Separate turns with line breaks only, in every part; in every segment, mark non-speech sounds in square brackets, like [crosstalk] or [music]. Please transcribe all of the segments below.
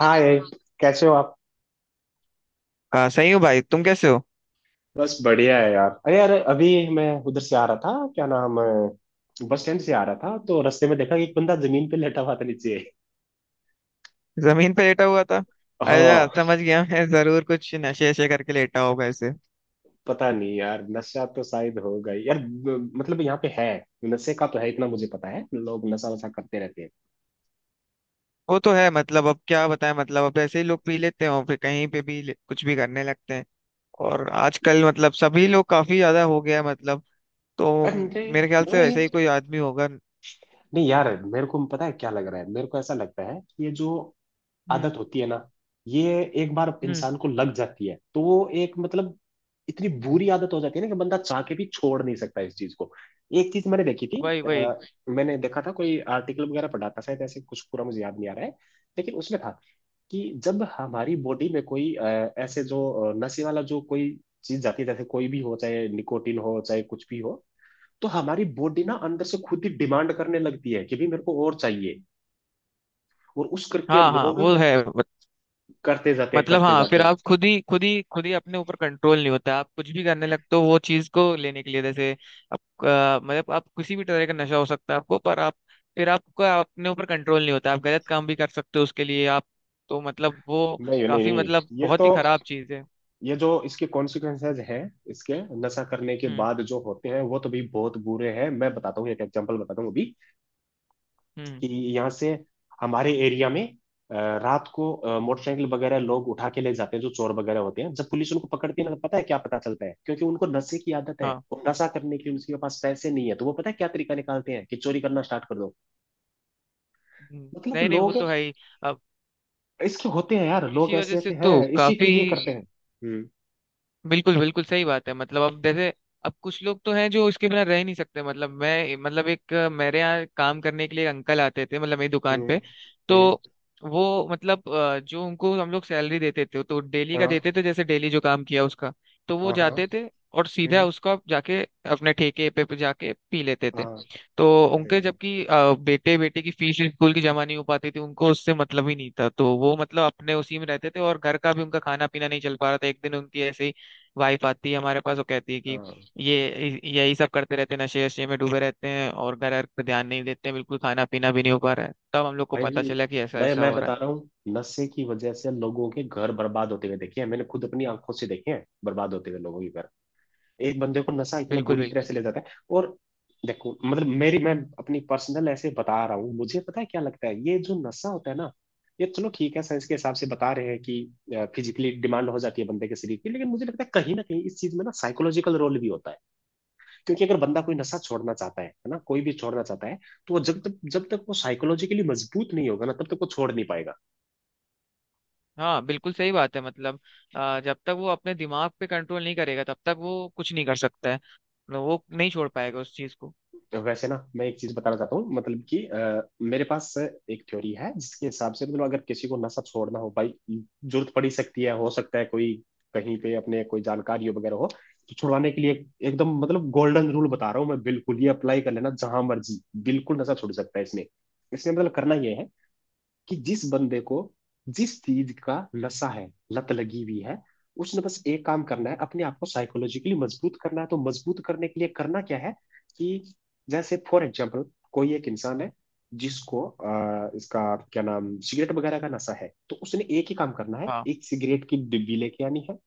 हाँ ये। कैसे हो आप।
हाँ, सही हूँ भाई। तुम कैसे हो?
बस बढ़िया है यार। अरे यार अभी मैं उधर से आ रहा था, क्या नाम है, बस स्टैंड से आ रहा था, तो रास्ते में देखा कि एक बंदा जमीन पे लेटा हुआ था नीचे।
जमीन पे लेटा हुआ था? अरे यार,
हाँ।
समझ गया, मैं जरूर कुछ नशे वशे करके लेटा होगा ऐसे।
पता नहीं यार, नशा तो शायद होगा ही। यार मतलब यहाँ पे है नशे का तो है, इतना मुझे पता है, लोग नशा वशा करते रहते हैं।
वो तो है, मतलब अब क्या बताएं, मतलब अब ऐसे ही लोग पी लेते हैं और फिर कहीं पे भी कुछ भी करने लगते हैं। और आजकल मतलब सभी लोग काफी ज्यादा हो गया है, मतलब तो
अरे
मेरे ख्याल से ऐसे ही
नहीं
कोई आदमी होगा।
नहीं यार, मेरे को पता है क्या लग रहा है। मेरे को ऐसा लगता है कि ये जो
हम्म।
आदत होती है ना, ये एक बार
हम्म।
इंसान को लग जाती है तो वो एक मतलब इतनी बुरी आदत हो जाती है ना कि बंदा चाह के भी छोड़ नहीं सकता इस चीज को। एक चीज मैंने देखी थी।
वही वही।
अ, मैंने देखा था, कोई आर्टिकल वगैरह पढ़ा था शायद ऐसे कुछ, पूरा मुझे याद नहीं आ रहा है, लेकिन उसमें था कि जब हमारी बॉडी में कोई ऐसे जो नशे वाला जो कोई चीज जाती है, जैसे कोई भी हो, चाहे निकोटिन हो चाहे कुछ भी हो, तो हमारी बॉडी ना अंदर से खुद ही डिमांड करने लगती है कि भी मेरे को और चाहिए। और उस करके
हाँ हाँ,
लोग
वो है,
करते जाते हैं,
मतलब
करते
हाँ,
जाते
फिर
हैं।
आप खुद ही अपने ऊपर कंट्रोल नहीं होता, आप कुछ भी करने लगते हो वो चीज को लेने के लिए। जैसे आप, मतलब आप, किसी भी तरह का नशा हो सकता है आपको, पर आप फिर आपका अपने ऊपर कंट्रोल नहीं होता, आप गलत काम भी कर सकते हो उसके लिए। आप, तो मतलब वो
नहीं नहीं
काफी मतलब
नहीं ये तो,
बहुत ही खराब चीज है।
ये जो इसके कॉन्सिक्वेंसेस हैं इसके, नशा करने के
हम्म।
बाद जो होते हैं वो तो भी बहुत बुरे हैं। मैं बताता हूँ, एक एग्जांपल बताता हूँ अभी
हम्म।
कि यहाँ से हमारे एरिया में अ, रात को मोटरसाइकिल वगैरह लोग उठा के ले जाते हैं जो चोर वगैरह होते हैं। जब पुलिस उनको पकड़ती है ना तो पता है क्या पता चलता है, क्योंकि उनको नशे की आदत है
हाँ।
और नशा करने के लिए उनके पास पैसे नहीं है, तो वो पता है क्या तरीका निकालते हैं कि चोरी करना स्टार्ट कर दो। मतलब
नहीं नहीं, वो
लोग
तो है ही। अब
इसके होते हैं यार, लोग
इसी वजह
ऐसे
से
ऐसे
तो
हैं, इसी के
काफी।
लिए करते हैं। हम्म।
बिल्कुल बिल्कुल सही बात है, मतलब अब जैसे, अब कुछ लोग तो हैं जो इसके बिना रह ही नहीं सकते, मतलब मैं, मतलब एक, मेरे यहाँ काम करने के लिए एक अंकल आते थे, मतलब मेरी दुकान
हम्म।
पे। तो
हम्म।
वो मतलब, जो उनको हम लोग सैलरी देते थे तो डेली का
हाँ
देते थे, जैसे डेली जो काम किया उसका। तो वो
हाँ हाँ।
जाते थे और सीधा
हम्म,
उसका जाके अपने ठेके पे पे जाके पी लेते थे।
हाँ।
तो उनके,
अरे
जबकि बेटे बेटे की फीस स्कूल की जमा नहीं हो पाती थी, उनको उससे मतलब ही नहीं था, तो वो मतलब अपने उसी में रहते थे और घर का भी उनका खाना पीना नहीं चल पा रहा था। एक दिन उनकी ऐसे ही वाइफ आती है हमारे पास, वो कहती है कि
हाँ
ये यही सब करते रहते हैं, नशे वशे में डूबे रहते हैं और घर घर पे ध्यान नहीं देते हैं बिल्कुल, खाना पीना भी नहीं हो पा रहा है। तब हम लोग को पता
भाई,
चला कि ऐसा
भाई
ऐसा
मैं
हो रहा
बता रहा
है।
हूँ, नशे की वजह से लोगों के घर बर्बाद होते हुए देखे हैं मैंने, खुद अपनी आंखों से देखे हैं बर्बाद होते हुए लोगों के घर। एक बंदे को नशा इतना
बिल्कुल
बुरी तरह
बिल्कुल।
से ले जाता है। और देखो मतलब मेरी, मैं अपनी पर्सनल ऐसे बता रहा हूँ, मुझे पता है क्या लगता है। ये जो नशा होता है ना, ये चलो ठीक है, साइंस के हिसाब से बता रहे हैं कि फिजिकली डिमांड हो जाती है बंदे के शरीर की, लेकिन मुझे लगता है कहीं ना कहीं इस चीज में ना साइकोलॉजिकल रोल भी होता है। क्योंकि अगर बंदा कोई नशा छोड़ना चाहता है ना, कोई भी छोड़ना चाहता है, तो वो जब तक वो साइकोलॉजिकली मजबूत नहीं होगा ना, तब तक वो छोड़ नहीं पाएगा।
हाँ, बिल्कुल सही बात है, मतलब जब तक वो अपने दिमाग पे कंट्रोल नहीं करेगा, तब तक वो कुछ नहीं कर सकता है, मतलब वो नहीं छोड़ पाएगा उस चीज को।
वैसे ना मैं एक चीज बताना चाहता हूँ, मतलब कि मेरे पास एक थ्योरी है जिसके हिसाब से, मतलब अगर किसी को नशा छोड़ना हो, भाई जरूरत पड़ ही सकती है, हो सकता है कोई कहीं पे अपने कोई जानकारी हो वगैरह हो, तो छुड़वाने के लिए एकदम मतलब गोल्डन रूल बता रहा हूँ मैं, बिल्कुल ये अप्लाई कर लेना जहां मर्जी, बिल्कुल नशा छुड़ सकता है इसमें। इसमें मतलब करना ये है कि जिस बंदे को जिस चीज का नशा है, लत लगी हुई है, उसने बस एक काम करना है अपने आप को साइकोलॉजिकली मजबूत करना है। तो मजबूत करने के लिए करना क्या है कि जैसे फॉर एग्जाम्पल कोई एक इंसान है जिसको इसका क्या नाम, सिगरेट वगैरह का नशा है, तो उसने एक ही काम करना है,
हाँ
एक सिगरेट की डिब्बी लेके आनी है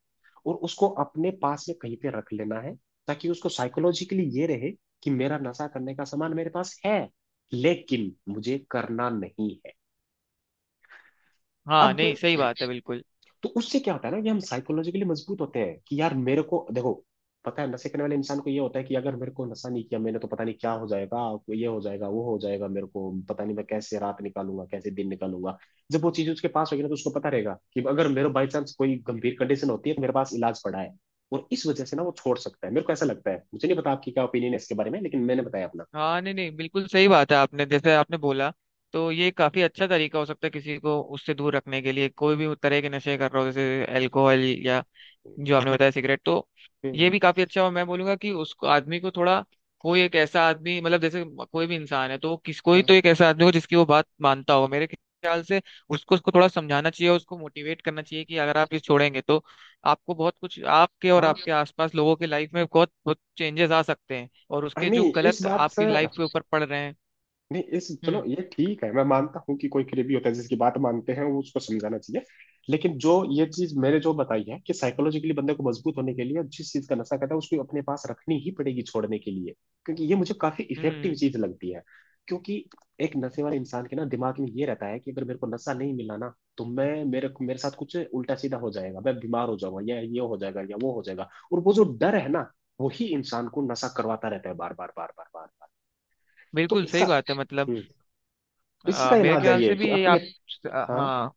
और उसको अपने पास में कहीं पे रख लेना है, ताकि उसको साइकोलॉजिकली ये रहे कि मेरा नशा करने का सामान मेरे पास है लेकिन मुझे करना नहीं है।
हाँ,
अब
नहीं, सही बात है बिल्कुल।
तो उससे क्या होता है ना कि हम साइकोलॉजिकली मजबूत होते हैं कि यार मेरे को देखो, पता है नशे करने वाले इंसान को ये होता है कि अगर मेरे को नशा नहीं किया मैंने तो पता नहीं क्या हो जाएगा, ये हो जाएगा, वो हो जाएगा, मेरे को पता नहीं मैं कैसे रात निकालूंगा कैसे दिन निकालूंगा। जब वो चीज उसके पास होगी ना तो उसको पता रहेगा कि अगर मेरे बाई चांस कोई गंभीर कंडीशन होती है तो मेरे पास इलाज पड़ा है। और इस वजह से ना वो छोड़ सकता है, मेरे को ऐसा लगता है। मुझे नहीं पता आपकी क्या ओपिनियन है इसके बारे में, लेकिन मैंने बताया अपना।
हाँ, नहीं नहीं, बिल्कुल सही बात है, आपने जैसे आपने बोला तो ये काफी अच्छा तरीका हो सकता है किसी को उससे दूर रखने के लिए। कोई भी तरह के नशे कर रहा हो, जैसे अल्कोहल या जो आपने बताया सिगरेट, तो ये
हम्म,
भी काफी अच्छा। और मैं बोलूंगा कि उसको आदमी को थोड़ा, कोई एक ऐसा आदमी, मतलब जैसे कोई भी इंसान है तो वो किस कोई
हाँ।
तो एक ऐसा आदमी हो जिसकी वो बात मानता हो मेरे ख्याल से। उसको उसको थोड़ा समझाना चाहिए, उसको मोटिवेट करना चाहिए कि अगर आप ये छोड़ेंगे तो आपको बहुत कुछ, आपके और आपके आसपास लोगों की लाइफ में बहुत बहुत चेंजेस आ सकते हैं, और
हाँ
उसके जो
नहीं इस
गलत
बात से,
आपकी लाइफ के ऊपर पड़ रहे हैं।
नहीं इस चलो
हम्म।
ये ठीक है, मैं मानता हूँ कि कोई करीबी होता है जिसकी बात मानते हैं वो, उसको समझाना चाहिए। लेकिन जो ये चीज मैंने जो बताई है कि साइकोलॉजिकली बंदे को मजबूत होने के लिए जिस चीज का नशा करता है उसको अपने पास रखनी ही पड़ेगी छोड़ने के लिए, क्योंकि ये मुझे काफी इफेक्टिव
हम्म।
चीज लगती है। क्योंकि एक नशे वाले इंसान के ना दिमाग में ये रहता है कि अगर मेरे को नशा नहीं मिला ना तो मैं मेरे मेरे साथ कुछ उल्टा सीधा हो जाएगा, मैं बीमार हो जाऊंगा या ये हो जाएगा या वो हो जाएगा, और वो जो डर है ना, वही इंसान को नशा करवाता रहता है बार बार बार बार बार बार। तो
बिल्कुल
इसका,
सही बात है, मतलब
हम्म, इसी का
मेरे
इलाज है
ख्याल
ये
से भी
कि
ये
अपने।
आप।
हाँ
हाँ,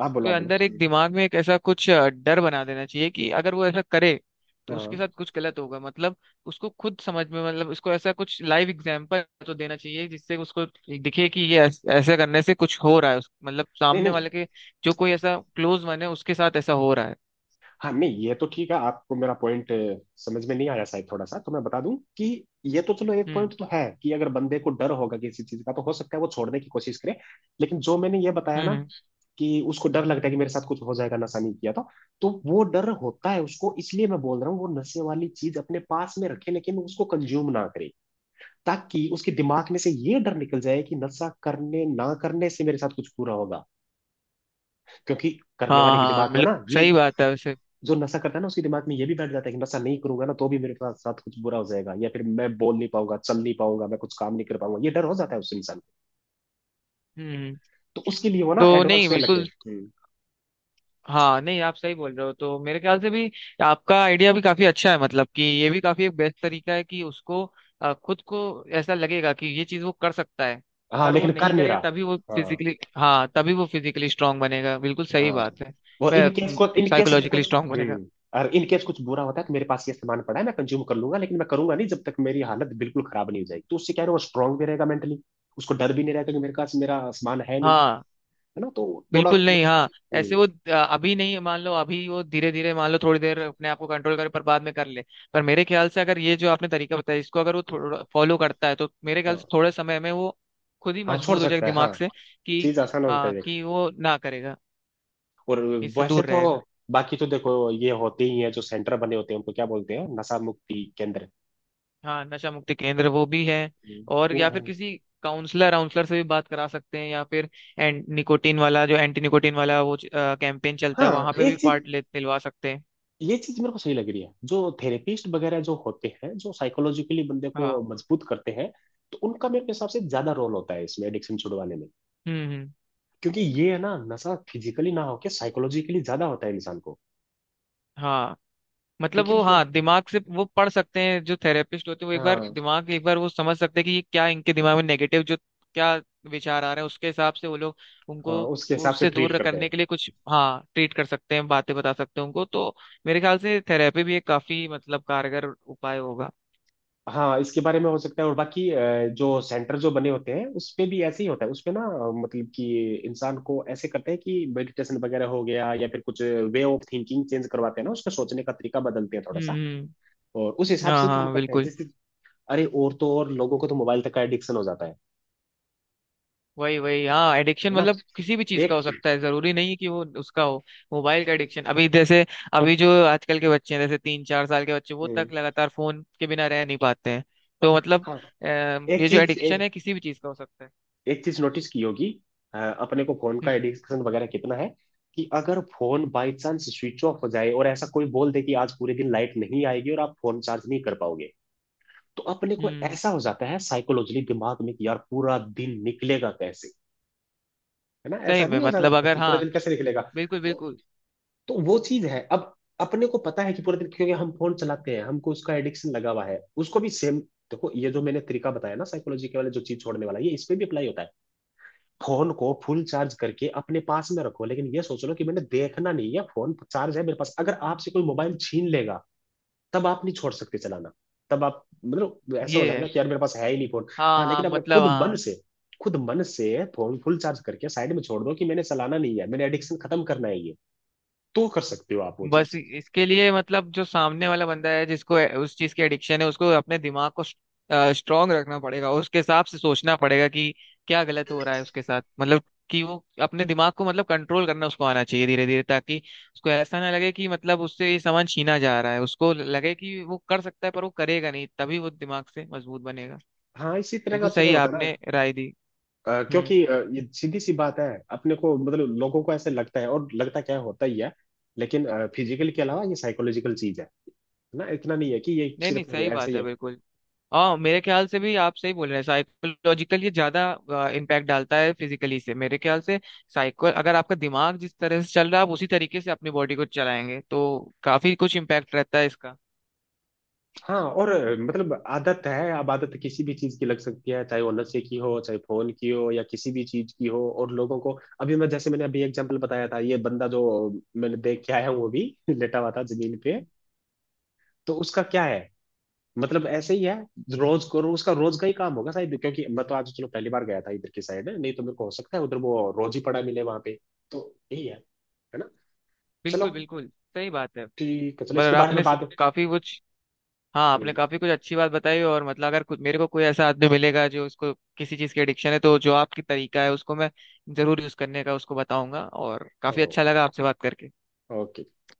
आप बोलो
उसके
आप बोलो।
अंदर एक दिमाग में एक ऐसा कुछ, डर बना देना चाहिए कि अगर वो ऐसा करे तो उसके
हाँ।
साथ कुछ गलत होगा, मतलब उसको खुद समझ में, मतलब उसको ऐसा कुछ लाइव एग्जांपल तो देना चाहिए जिससे उसको दिखे कि ये ऐसा करने से कुछ हो रहा है मतलब
नहीं
सामने
नहीं
वाले के, जो कोई ऐसा क्लोज मन है उसके साथ ऐसा हो रहा है।
हाँ नहीं ये तो ठीक है, आपको मेरा पॉइंट समझ में नहीं आया शायद थोड़ा सा, तो मैं बता दूं कि ये तो चलो एक
हम्म।
पॉइंट तो है कि अगर बंदे को डर होगा किसी चीज का तो हो सकता है वो छोड़ने की कोशिश करे, लेकिन जो मैंने ये बताया ना
हम्म।
कि उसको डर लगता है कि मेरे साथ कुछ हो जाएगा नशा नहीं किया तो वो डर होता है उसको, इसलिए मैं बोल रहा हूँ वो नशे वाली चीज अपने पास में रखे लेकिन उसको कंज्यूम ना करे, ताकि उसके दिमाग में से ये डर निकल जाए कि नशा करने ना करने से मेरे साथ कुछ बुरा होगा। क्योंकि करने
हाँ
वाले के
हाँ,
दिमाग में
मतलब
ना ये,
सही बात है वैसे।
जो नशा करता है ना उसके दिमाग में ये भी बैठ जाता है कि नशा नहीं करूंगा ना तो भी मेरे साथ साथ कुछ बुरा हो जाएगा या फिर मैं बोल नहीं पाऊंगा, चल नहीं पाऊंगा, मैं कुछ काम नहीं कर पाऊंगा, ये डर हो जाता है उस इंसान को।
हम्म।
तो उसके लिए वो ना
तो
एडवांस
नहीं,
में लगे।
बिल्कुल। हाँ, नहीं, आप सही बोल रहे हो, तो मेरे ख्याल से भी आपका आइडिया भी काफी अच्छा है, मतलब कि ये भी काफी एक बेस्ट तरीका है कि उसको, खुद को ऐसा लगेगा कि ये चीज वो कर सकता है,
हाँ।
पर वो
लेकिन कर
नहीं
नहीं
करेगा,
रहा।
तभी वो
हाँ
फिजिकली हाँ तभी वो फिजिकली स्ट्रांग बनेगा। बिल्कुल सही
हाँ।
बात है।
वो इन केस को, इन केस अगर
साइकोलॉजिकली
कुछ,
स्ट्रांग बनेगा।
हम्म, और इन केस कुछ बुरा होता है तो मेरे पास ये सामान पड़ा है मैं कंज्यूम कर लूंगा, लेकिन मैं करूंगा नहीं जब तक मेरी हालत बिल्कुल खराब नहीं हो जाएगी। तो उससे क्या है ना, वो स्ट्रांग भी रहेगा मेंटली, उसको डर भी नहीं रहेगा कि मेरे पास मेरा सामान है नहीं।
हाँ।
है ना, तो थोड़ा,
बिल्कुल, नहीं, हाँ। ऐसे
हम्म,
वो, अभी नहीं, मान लो अभी वो धीरे धीरे, मान लो थोड़ी देर अपने आप को कंट्रोल करे, पर बाद में कर ले। पर मेरे ख्याल से अगर ये जो आपने तरीका बताया इसको अगर वो थोड़ा फॉलो करता है तो मेरे ख्याल से
हाँ।
थोड़े समय में वो खुद ही
हाँ छोड़
मजबूत हो जाएगा
सकता है,
दिमाग
हाँ।
से। कि
चीज आसान हो सकता
हाँ,
है देखो।
कि वो ना करेगा,
और
इससे
वैसे
दूर
तो
रहेगा।
बाकी तो देखो ये होते ही हैं जो सेंटर बने होते हैं उनको क्या बोलते हैं, नशा मुक्ति केंद्र,
हाँ, नशा मुक्ति केंद्र वो भी है, और
वो
या
है।
फिर किसी काउंसलर काउंसलर से भी बात करा सकते हैं, या फिर एंड निकोटीन वाला जो एंटी निकोटीन वाला वो कैंपेन चलता है
हाँ
वहां पे भी
एक चीज,
पार्ट ले दिलवा सकते हैं।
ये चीज मेरे को सही लग रही है, जो थेरेपिस्ट वगैरह जो होते हैं जो साइकोलॉजिकली बंदे को
हाँ।
मजबूत करते हैं, तो उनका मेरे हिसाब से ज्यादा रोल होता है इसमें एडिक्शन छुड़वाने में।
हम्म। हम्म।
क्योंकि ये है ना, नशा फिजिकली ना होके साइकोलॉजिकली ज्यादा होता है इंसान को।
हाँ, मतलब
क्योंकि
वो,
उसको,
हाँ, दिमाग से वो पढ़ सकते हैं जो थेरेपिस्ट होते हैं, वो एक बार
हाँ,
दिमाग एक बार वो समझ सकते हैं कि ये क्या, इनके दिमाग में नेगेटिव जो क्या विचार आ रहे हैं उसके हिसाब से वो लोग
हाँ
उनको,
उसके
वो
हिसाब से
उससे
ट्रीट
दूर
करते हैं।
करने के लिए कुछ, हाँ, ट्रीट कर सकते हैं, बातें बता सकते हैं उनको। तो मेरे ख्याल से थेरेपी भी एक काफी मतलब कारगर उपाय होगा।
हाँ इसके बारे में हो सकता है। और बाकी जो सेंटर जो बने होते हैं उसपे भी ऐसे ही होता है, उसपे ना मतलब कि इंसान को ऐसे करते हैं कि मेडिटेशन वगैरह हो गया या फिर कुछ वे ऑफ थिंकिंग चेंज करवाते हैं ना, उसका सोचने का तरीका बदलते हैं थोड़ा
हम्म।
सा और उस हिसाब
हाँ
से ही काम
हाँ,
करते हैं
बिल्कुल।
जैसे। अरे और तो और लोगों को तो मोबाइल तक का एडिक्शन हो जाता है।
वही वही। हाँ, एडिक्शन
है ना।
मतलब किसी भी चीज का
एक,
हो सकता है, जरूरी नहीं है कि वो उसका हो। मोबाइल का एडिक्शन, अभी जैसे अभी जो आजकल के बच्चे हैं, जैसे तीन चार साल के बच्चे वो तक
हम्म,
लगातार फोन के बिना रह नहीं पाते हैं, तो मतलब
हाँ। एक
ये जो
चीज
एडिक्शन है किसी भी चीज का हो सकता है।
एक चीज नोटिस की होगी अपने को फोन का
हम्म।
एडिक्शन वगैरह कितना है कि अगर phone by chance switch off हो जाए और ऐसा कोई बोल दे कि आज पूरे दिन लाइट नहीं आएगी और आप फोन चार्ज नहीं कर पाओगे, तो अपने को
हम्म।
ऐसा हो जाता है साइकोलॉजिकली दिमाग में कि यार पूरा दिन निकलेगा कैसे। है ना,
सही
ऐसा
में
नहीं हो
मतलब,
जाता
अगर,
कि पूरा
हाँ,
दिन कैसे निकलेगा।
बिल्कुल
तो
बिल्कुल।
तो वो चीज है अब, अपने को पता है कि पूरे दिन क्योंकि हम फोन चलाते हैं हमको उसका एडिक्शन लगा हुआ है, उसको भी सेम देखो ये जो मैंने तरीका बताया ना साइकोलॉजी के वाले जो चीज छोड़ने वाला, ये इस पे भी अप्लाई होता है। फोन को फुल चार्ज करके अपने पास में रखो लेकिन ये सोच लो कि मैंने देखना नहीं है, फोन चार्ज है मेरे पास। अगर आपसे कोई मोबाइल छीन लेगा तब आप नहीं छोड़ सकते चलाना, तब आप मतलब ऐसे हो
ये
जाएगा
है।
कि यार मेरे पास है ही नहीं फोन।
हाँ
हाँ
हाँ,
लेकिन आप
मतलब
खुद मन
हाँ,
से खुद मन से फोन फुल चार्ज करके साइड में छोड़ दो कि मैंने चलाना नहीं है, मैंने एडिक्शन खत्म करना है ये, तो कर सकते हो आप वो
बस
चीज।
इसके लिए मतलब जो सामने वाला बंदा है जिसको उस चीज की एडिक्शन है, उसको अपने दिमाग को स्ट्रांग रखना पड़ेगा, उसके हिसाब से सोचना पड़ेगा कि क्या गलत हो रहा है उसके साथ, मतलब कि वो अपने दिमाग को मतलब कंट्रोल करना उसको आना चाहिए धीरे धीरे, ताकि उसको ऐसा ना लगे कि मतलब उससे ये सामान छीना जा रहा है, उसको लगे कि वो कर सकता है पर वो करेगा नहीं, तभी वो दिमाग से मजबूत बनेगा।
हाँ इसी तरह का
बिल्कुल
चुनाव
सही,
होता है
आपने
ना।
राय दी। हम्म।
क्योंकि ये सीधी सी बात है, अपने को मतलब लोगों को ऐसे लगता है, और लगता क्या है, होता ही है, लेकिन फिजिकल के अलावा ये साइकोलॉजिकल चीज है ना, इतना नहीं है कि ये
नहीं नहीं,
सिर्फ
सही
ऐसे
बात
ही
है
है।
बिल्कुल। हाँ, मेरे ख्याल से भी आप सही बोल रहे हैं, साइकोलॉजिकल ये ज्यादा इम्पैक्ट डालता है फिजिकली से, मेरे ख्याल से। साइको, अगर आपका दिमाग जिस तरह से चल रहा है आप उसी तरीके से अपनी बॉडी को चलाएंगे तो काफी कुछ इम्पैक्ट रहता है इसका।
हाँ और मतलब आदत है, अब आदत किसी भी चीज की लग सकती है, चाहे वो नशे की हो चाहे फोन की हो या किसी भी चीज की हो, और लोगों को अभी मैं जैसे, मैंने अभी एग्जांपल बताया था ये बंदा जो मैंने देख के आया हूँ वो भी [laughs] लेटा हुआ था जमीन पे, तो उसका क्या है, मतलब ऐसे ही है, रोज करो उसका रोज का ही काम होगा शायद, क्योंकि मैं तो आज चलो पहली बार गया था इधर की साइड, नहीं तो मेरे को हो सकता है उधर वो रोज ही पड़ा मिले वहां पे। तो यही है ना।
बिल्कुल
चलो
बिल्कुल सही बात है।
ठीक है चलो,
पर
इसके बारे में
आपने
बात।
काफी कुछ, हाँ आपने
हम्म,
काफी कुछ अच्छी बात बताई, और मतलब अगर कुछ मेरे को कोई ऐसा आदमी मिलेगा जो उसको किसी चीज की एडिक्शन है, तो जो आपकी तरीका है उसको मैं जरूर यूज करने का उसको बताऊंगा, और काफी
ओ-
अच्छा लगा आपसे बात करके।
ओके।